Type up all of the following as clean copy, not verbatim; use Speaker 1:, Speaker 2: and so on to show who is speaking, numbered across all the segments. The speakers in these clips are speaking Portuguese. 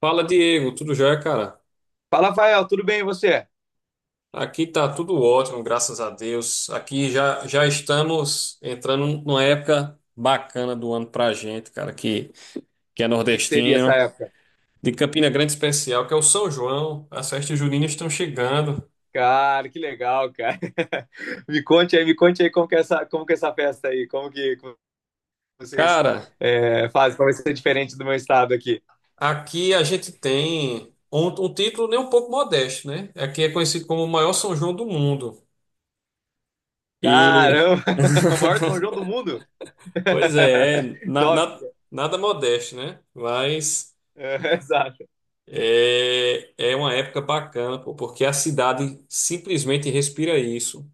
Speaker 1: Fala, Diego, tudo jóia, cara?
Speaker 2: Fala, Rafael, tudo bem e você? O
Speaker 1: Aqui tá tudo ótimo, graças a Deus. Aqui já, já estamos entrando numa época bacana do ano pra gente, cara, que é
Speaker 2: que que seria essa
Speaker 1: nordestino,
Speaker 2: época?
Speaker 1: de Campina Grande especial, que é o São João. As festas juninas estão chegando.
Speaker 2: Cara, que legal, cara. Me conte aí como que é essa, como que é essa festa aí, como que, como vocês
Speaker 1: Cara,
Speaker 2: é, fazem, como vai ser diferente do meu estado aqui.
Speaker 1: aqui a gente tem um título nem um pouco modesto, né? Aqui é conhecido como o maior São João do mundo. E.
Speaker 2: Caramba, o maior São João do mundo.
Speaker 1: Pois é,
Speaker 2: Top.
Speaker 1: nada modesto, né? Mas
Speaker 2: É, exato.
Speaker 1: é uma época bacana, pô, porque a cidade simplesmente respira isso.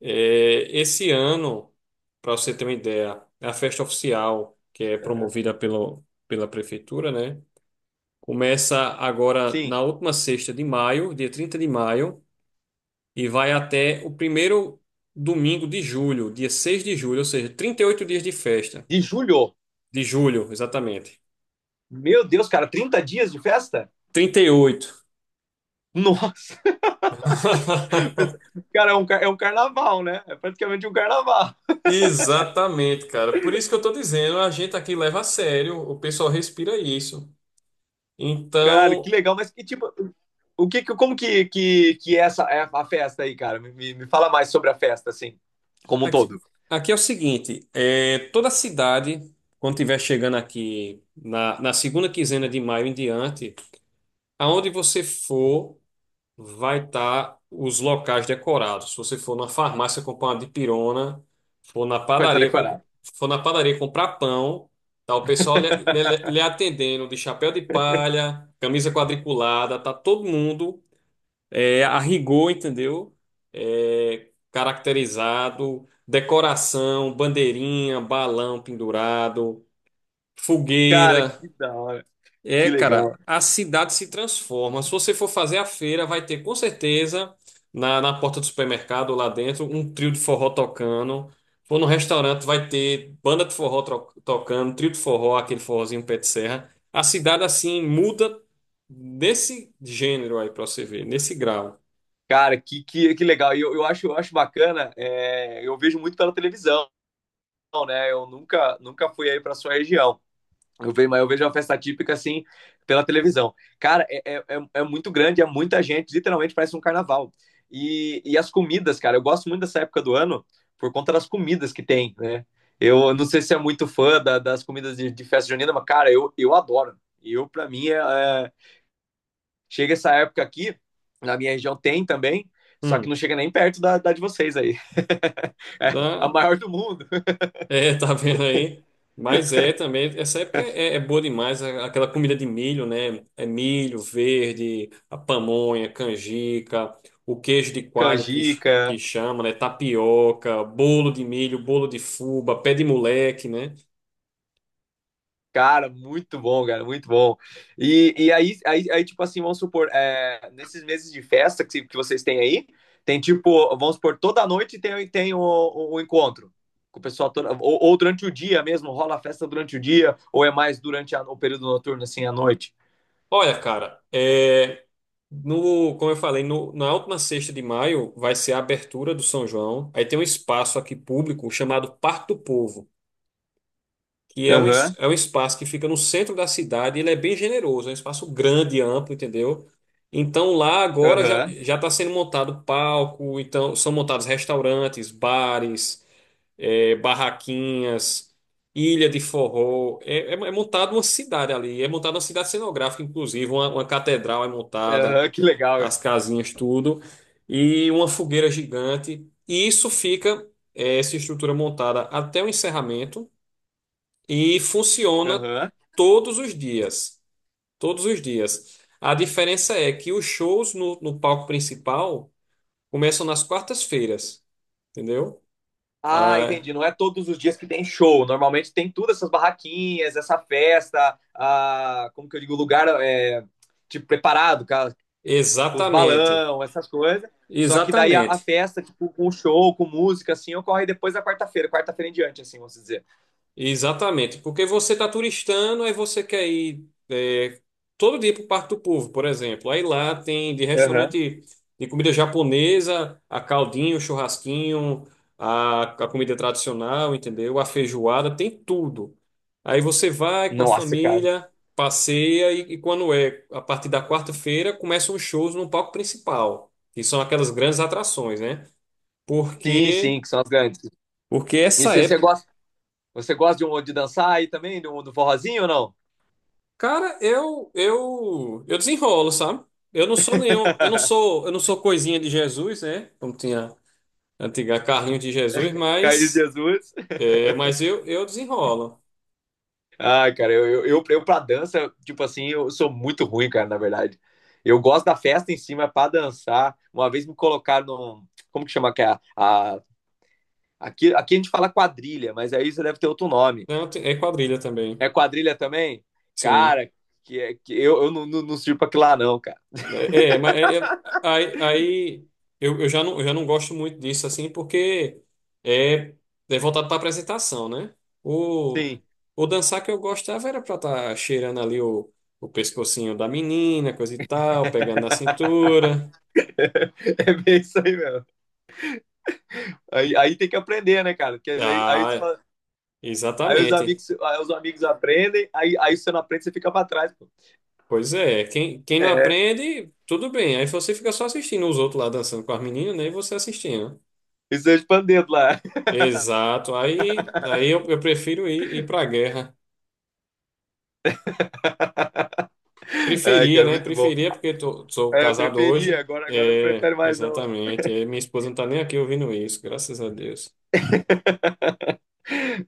Speaker 1: É, esse ano, para você ter uma ideia, é a festa oficial, que é
Speaker 2: É.
Speaker 1: promovida pelo, pela prefeitura, né? Começa agora
Speaker 2: Sim,
Speaker 1: na última sexta de maio, dia 30 de maio, e vai até o primeiro domingo de julho, dia 6 de julho, ou seja, 38 dias de festa.
Speaker 2: de julho.
Speaker 1: De julho, exatamente.
Speaker 2: Meu Deus, cara, 30 dias de festa?
Speaker 1: 38.
Speaker 2: Nossa. Cara, é um carnaval, né? É praticamente um carnaval.
Speaker 1: Exatamente, cara. Por isso que eu tô dizendo, a gente aqui leva a sério, o pessoal respira isso.
Speaker 2: Cara, que
Speaker 1: Então,
Speaker 2: legal, mas que tipo, o que, que- como que é essa é a festa aí, cara? Me fala mais sobre a festa, assim, como um
Speaker 1: aqui,
Speaker 2: todo.
Speaker 1: aqui é o seguinte, é, toda cidade, quando estiver chegando aqui na segunda quinzena de maio em diante, aonde você for, vai estar os locais decorados. Se você for na farmácia comprar uma dipirona, for na
Speaker 2: Vai estar
Speaker 1: padaria, co-
Speaker 2: decorado.
Speaker 1: for na padaria comprar pão, tá o pessoal lhe atendendo de chapéu de palha, camisa quadriculada, tá todo mundo a rigor, entendeu? É, caracterizado, decoração, bandeirinha, balão pendurado,
Speaker 2: Cara,
Speaker 1: fogueira.
Speaker 2: que da hora,
Speaker 1: É,
Speaker 2: que
Speaker 1: cara,
Speaker 2: legal.
Speaker 1: a cidade se transforma. Se você for fazer a feira, vai ter com certeza na porta do supermercado lá dentro um trio de forró tocando. For no restaurante, vai ter banda de forró tocando, trio de forró, aquele forrozinho pé de serra. A cidade assim muda nesse gênero aí pra você ver, nesse grau.
Speaker 2: Cara, que legal. E eu acho, eu acho bacana, é, eu vejo muito pela televisão, né? Eu nunca fui aí pra sua região. Eu vejo, mas eu vejo uma festa típica assim pela televisão. Cara, é muito grande, é muita gente, literalmente parece um carnaval. E as comidas, cara, eu gosto muito dessa época do ano por conta das comidas que tem, né? Eu não sei se é muito fã das comidas de festa junina, mas, cara, eu adoro. Eu, para mim, chega essa época aqui, na minha região tem também, só que
Speaker 1: Hum.
Speaker 2: não chega nem perto da de vocês aí. É a maior do mundo.
Speaker 1: É, tá vendo aí? Mas é também, essa época é boa demais, aquela comida de milho, né? É milho verde, a pamonha, canjica, o queijo de coalho que
Speaker 2: Canjica,
Speaker 1: chama, né? Tapioca, bolo de milho, bolo de fubá, pé de moleque, né?
Speaker 2: cara, muito bom, cara, muito bom. E aí, tipo assim, vamos supor, é, nesses meses de festa que vocês têm aí, tem tipo, vamos supor, toda noite tem, tem o encontro com o pessoal, toda, ou durante o dia mesmo, rola a festa durante o dia, ou é mais durante a- o período noturno, assim, à noite?
Speaker 1: Olha, cara, no, como eu falei, no, na última sexta de maio vai ser a abertura do São João. Aí tem um espaço aqui público chamado Parque do Povo, que é um, es-
Speaker 2: Aham,
Speaker 1: é um espaço que fica no centro da cidade, ele é bem generoso, é um espaço grande, amplo, entendeu? Então lá agora já
Speaker 2: aham,
Speaker 1: já está sendo montado palco, então são montados restaurantes, bares, barraquinhas, ilha de forró, é montada uma cidade ali, é montada uma cidade cenográfica, inclusive uma catedral é montada,
Speaker 2: aham, que legal, velho.
Speaker 1: as casinhas tudo e uma fogueira gigante. E isso fica essa estrutura montada até o encerramento. E funciona
Speaker 2: Aham.
Speaker 1: todos os dias. Todos os dias. A diferença é que os shows no palco principal começam nas quartas-feiras, entendeu?
Speaker 2: Ah,
Speaker 1: Ah,
Speaker 2: entendi, não é todos os dias que tem show, normalmente tem tudo, essas barraquinhas, essa festa, ah, como que eu digo, lugar, é, tipo, preparado, com os
Speaker 1: exatamente.
Speaker 2: balão, essas coisas. Só que daí a
Speaker 1: Exatamente.
Speaker 2: festa, tipo, com show, com música, assim, ocorre depois da quarta-feira, quarta-feira em diante, assim, vamos dizer.
Speaker 1: Exatamente, porque você está turistando, aí você quer ir todo dia para o Parque do Povo, por exemplo. Aí lá tem de
Speaker 2: Aham.
Speaker 1: restaurante de comida japonesa, a caldinho, churrasquinho, a comida tradicional, entendeu? A feijoada, tem tudo. Aí você vai com a
Speaker 2: Nossa, cara.
Speaker 1: família, passeia e quando é a partir da quarta-feira começam os shows no palco principal, que são aquelas grandes atrações, né?
Speaker 2: Sim,
Speaker 1: Porque
Speaker 2: sim, que são as grandes.
Speaker 1: porque
Speaker 2: E
Speaker 1: essa época.
Speaker 2: você gosta de, um, de dançar aí também, do forrozinho ou não?
Speaker 1: Cara, eu desenrolo, sabe? Eu não sou nenhum, eu não sou, eu não sou coisinha de Jesus, né? Como tinha a antiga carrinho de Jesus,
Speaker 2: Carlos
Speaker 1: mas
Speaker 2: Jesus.
Speaker 1: é, mas eu desenrolo.
Speaker 2: Ai, cara, eu pra dança, tipo assim, eu sou muito ruim, cara, na verdade. Eu gosto da festa em cima, pra dançar. Uma vez me colocaram num. Como que chama? Que é aqui, aqui a gente fala quadrilha, mas aí você deve ter outro nome.
Speaker 1: Não, é quadrilha também.
Speaker 2: É quadrilha também?
Speaker 1: Sim.
Speaker 2: Cara, que eu, eu não não, sirvo pra que lá, não, cara.
Speaker 1: É, é, mas aí eu já não gosto muito disso, assim, porque é, é voltado para apresentação, né? O,
Speaker 2: Sim,
Speaker 1: o dançar que eu gostava era para estar tá cheirando ali o pescocinho da menina, coisa e tal, pegando na cintura.
Speaker 2: é bem isso aí mesmo. Aí tem que aprender, né, cara? Porque você
Speaker 1: Ah,
Speaker 2: fala-
Speaker 1: exatamente.
Speaker 2: aí os amigos aprendem, aí você não aprende, você fica pra trás, pô.
Speaker 1: Pois é, quem não
Speaker 2: É,
Speaker 1: aprende, tudo bem. Aí você fica só assistindo os outros lá dançando com as meninas, né? E você assistindo.
Speaker 2: isso é expandido lá.
Speaker 1: Exato. Aí eu prefiro ir para a guerra.
Speaker 2: Ai,
Speaker 1: Preferia,
Speaker 2: cara,
Speaker 1: né?
Speaker 2: muito bom.
Speaker 1: Preferia, porque sou
Speaker 2: É, eu
Speaker 1: casado
Speaker 2: preferia,
Speaker 1: hoje.
Speaker 2: agora eu não
Speaker 1: É,
Speaker 2: prefere mais, não.
Speaker 1: exatamente. É, minha esposa não tá nem aqui ouvindo isso, graças a Deus.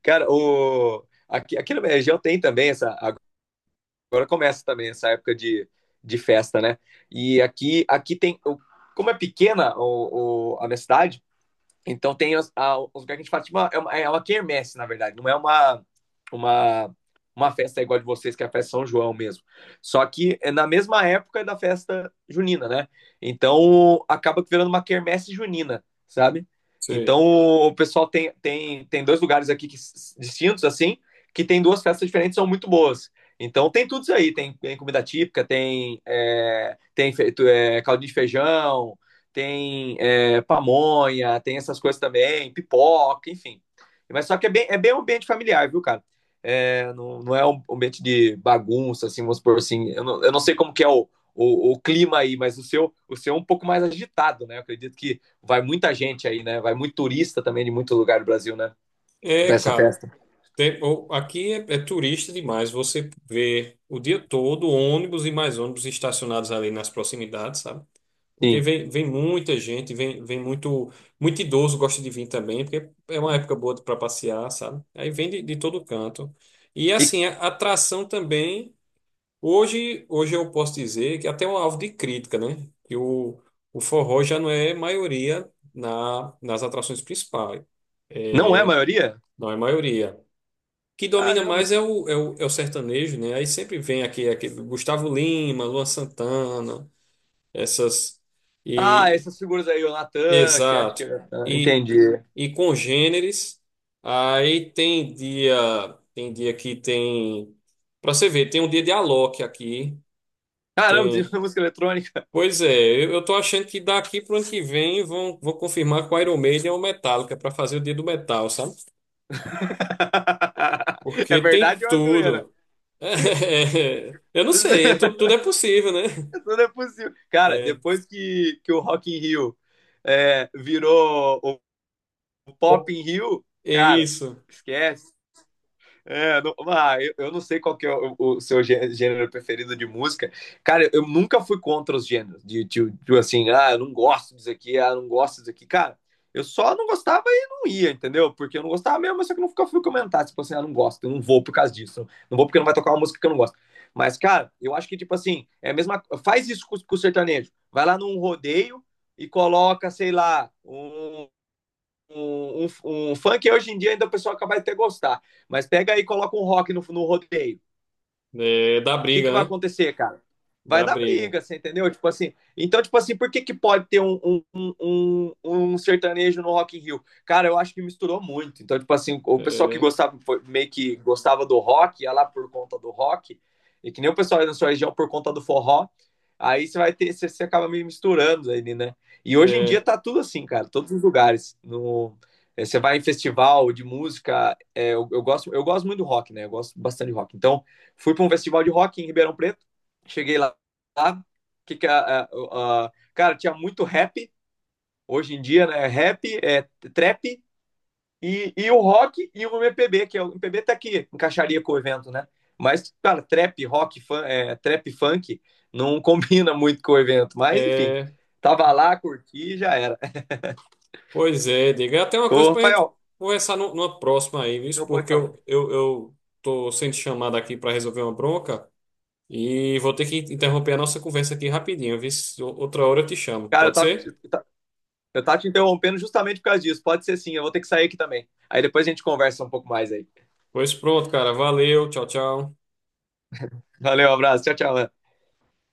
Speaker 2: Cara, o, aqui na minha região tem também essa. Agora começa também essa época de festa, né? E aqui, aqui tem. O como é pequena a minha cidade, então tem os lugares que a gente fala, tipo, é uma quermesse, na verdade. Não é uma, uma festa igual a de vocês, que é a festa São João mesmo. Só que é na mesma época da festa junina, né? Então acaba virando uma quermesse junina, sabe? Então
Speaker 1: Sei.
Speaker 2: o pessoal tem dois lugares aqui que, distintos, assim, que tem duas festas diferentes, são muito boas. Então tem tudo isso aí, tem comida típica, tem, é, tem feito, é, caldo de feijão, tem é, pamonha, tem essas coisas também, pipoca, enfim. Mas só que é bem um ambiente familiar, viu, cara? É, não é um ambiente de bagunça, assim, vamos supor assim. Eu não sei como que é o clima aí, mas o seu é um pouco mais agitado, né? Eu acredito que vai muita gente aí, né? Vai muito turista também de muito lugar do Brasil, né?
Speaker 1: É,
Speaker 2: Pra essa
Speaker 1: cara,
Speaker 2: festa.
Speaker 1: aqui é turista demais. Você vê o dia todo ônibus e mais ônibus estacionados ali nas proximidades, sabe? Porque
Speaker 2: Sim.
Speaker 1: vem muita gente, vem muito, muito idoso gosta de vir também, porque é uma época boa para passear, sabe? Aí vem de todo canto. E
Speaker 2: E
Speaker 1: assim, a atração também. Hoje eu posso dizer que até é um alvo de crítica, né? Que o forró já não é maioria nas atrações principais.
Speaker 2: não é a maioria?
Speaker 1: Não é maioria. O que domina
Speaker 2: Caramba.
Speaker 1: mais é o sertanejo, né? Aí sempre vem aqui, aquele Gustavo Lima, Luan Santana, essas.
Speaker 2: Ah,
Speaker 1: E,
Speaker 2: essas figuras aí, o Natan, que acho que.
Speaker 1: exato.
Speaker 2: É, ah,
Speaker 1: E,
Speaker 2: entendi.
Speaker 1: e congêneres. Aí tem dia que tem. Pra você ver, tem um dia de Alok aqui.
Speaker 2: Caramba, tem
Speaker 1: Tem.
Speaker 2: música eletrônica.
Speaker 1: Pois é, eu tô achando que daqui pro ano que vem vão confirmar com o Iron Maiden ou Metallica para fazer o Dia do Metal, sabe?
Speaker 2: É
Speaker 1: Porque tem
Speaker 2: verdade ou é uma zoeira?
Speaker 1: tudo. É, eu não sei, é tudo, tudo é possível, né?
Speaker 2: Tudo é possível. Cara,
Speaker 1: É,
Speaker 2: depois que o Rock in Rio é, virou o Pop
Speaker 1: pô,
Speaker 2: in Rio,
Speaker 1: é
Speaker 2: cara,
Speaker 1: isso.
Speaker 2: esquece. É, não, ah, eu não sei qual que é o seu gê- gênero preferido de música. Cara, eu, nunca fui contra os gêneros. Assim, ah, eu não gosto disso aqui, ah, eu não gosto disso aqui. Cara, eu só não gostava e não ia, entendeu? Porque eu não gostava mesmo, mas só que eu nunca fui comentar. Tipo assim, ah, não gosto, eu não vou por causa disso. Não vou porque não vai tocar uma música que eu não gosto. Mas, cara, eu acho que, tipo assim, é a mesma. Faz isso com o sertanejo. Vai lá num rodeio e coloca, sei lá, um funk hoje em dia ainda o pessoal acaba de ter gostar. Mas pega aí e coloca um rock no rodeio
Speaker 1: É, dá
Speaker 2: que vai
Speaker 1: briga, né?
Speaker 2: acontecer, cara? Vai
Speaker 1: Dá
Speaker 2: dar
Speaker 1: briga.
Speaker 2: briga, você entendeu? Tipo assim, então, tipo assim, por que, que pode ter um sertanejo no Rock in Rio? Cara, eu acho que misturou muito. Então, tipo assim, o pessoal que
Speaker 1: É,
Speaker 2: gostava, foi- meio que gostava do rock, ia lá por conta do rock, e que nem o pessoal aí na sua região por conta do forró, aí você vai ter, você, você acaba meio misturando aí né? E hoje em dia
Speaker 1: é,
Speaker 2: tá tudo assim, cara, todos os lugares. No, eh, você vai em festival de música, é eu gosto muito do rock, né? Eu gosto bastante de rock. Então, fui para um festival de rock em Ribeirão Preto, cheguei lá que cara, tinha muito rap, hoje em dia, né? Rap, é, trap, e o rock e o MPB, que é, o MPB tá aqui, encaixaria com o evento, né? Mas, cara, trap, funk, não combina muito com o evento. Mas, enfim,
Speaker 1: é.
Speaker 2: tava lá, curti e já era.
Speaker 1: Pois é, diga. É até uma coisa
Speaker 2: Ô,
Speaker 1: pra gente
Speaker 2: Rafael,
Speaker 1: conversar numa próxima aí, viu?
Speaker 2: não pode
Speaker 1: Porque
Speaker 2: falar.
Speaker 1: eu tô sendo chamado aqui para resolver uma bronca. E vou ter que interromper a nossa conversa aqui rapidinho, viu? Outra hora eu te chamo,
Speaker 2: Cara,
Speaker 1: pode ser?
Speaker 2: eu tava te interrompendo justamente por causa disso. Pode ser sim, eu vou ter que sair aqui também. Aí depois a gente conversa um pouco mais aí.
Speaker 1: Pois pronto, cara. Valeu, tchau, tchau.
Speaker 2: Valeu, um abraço. Tchau, tchau.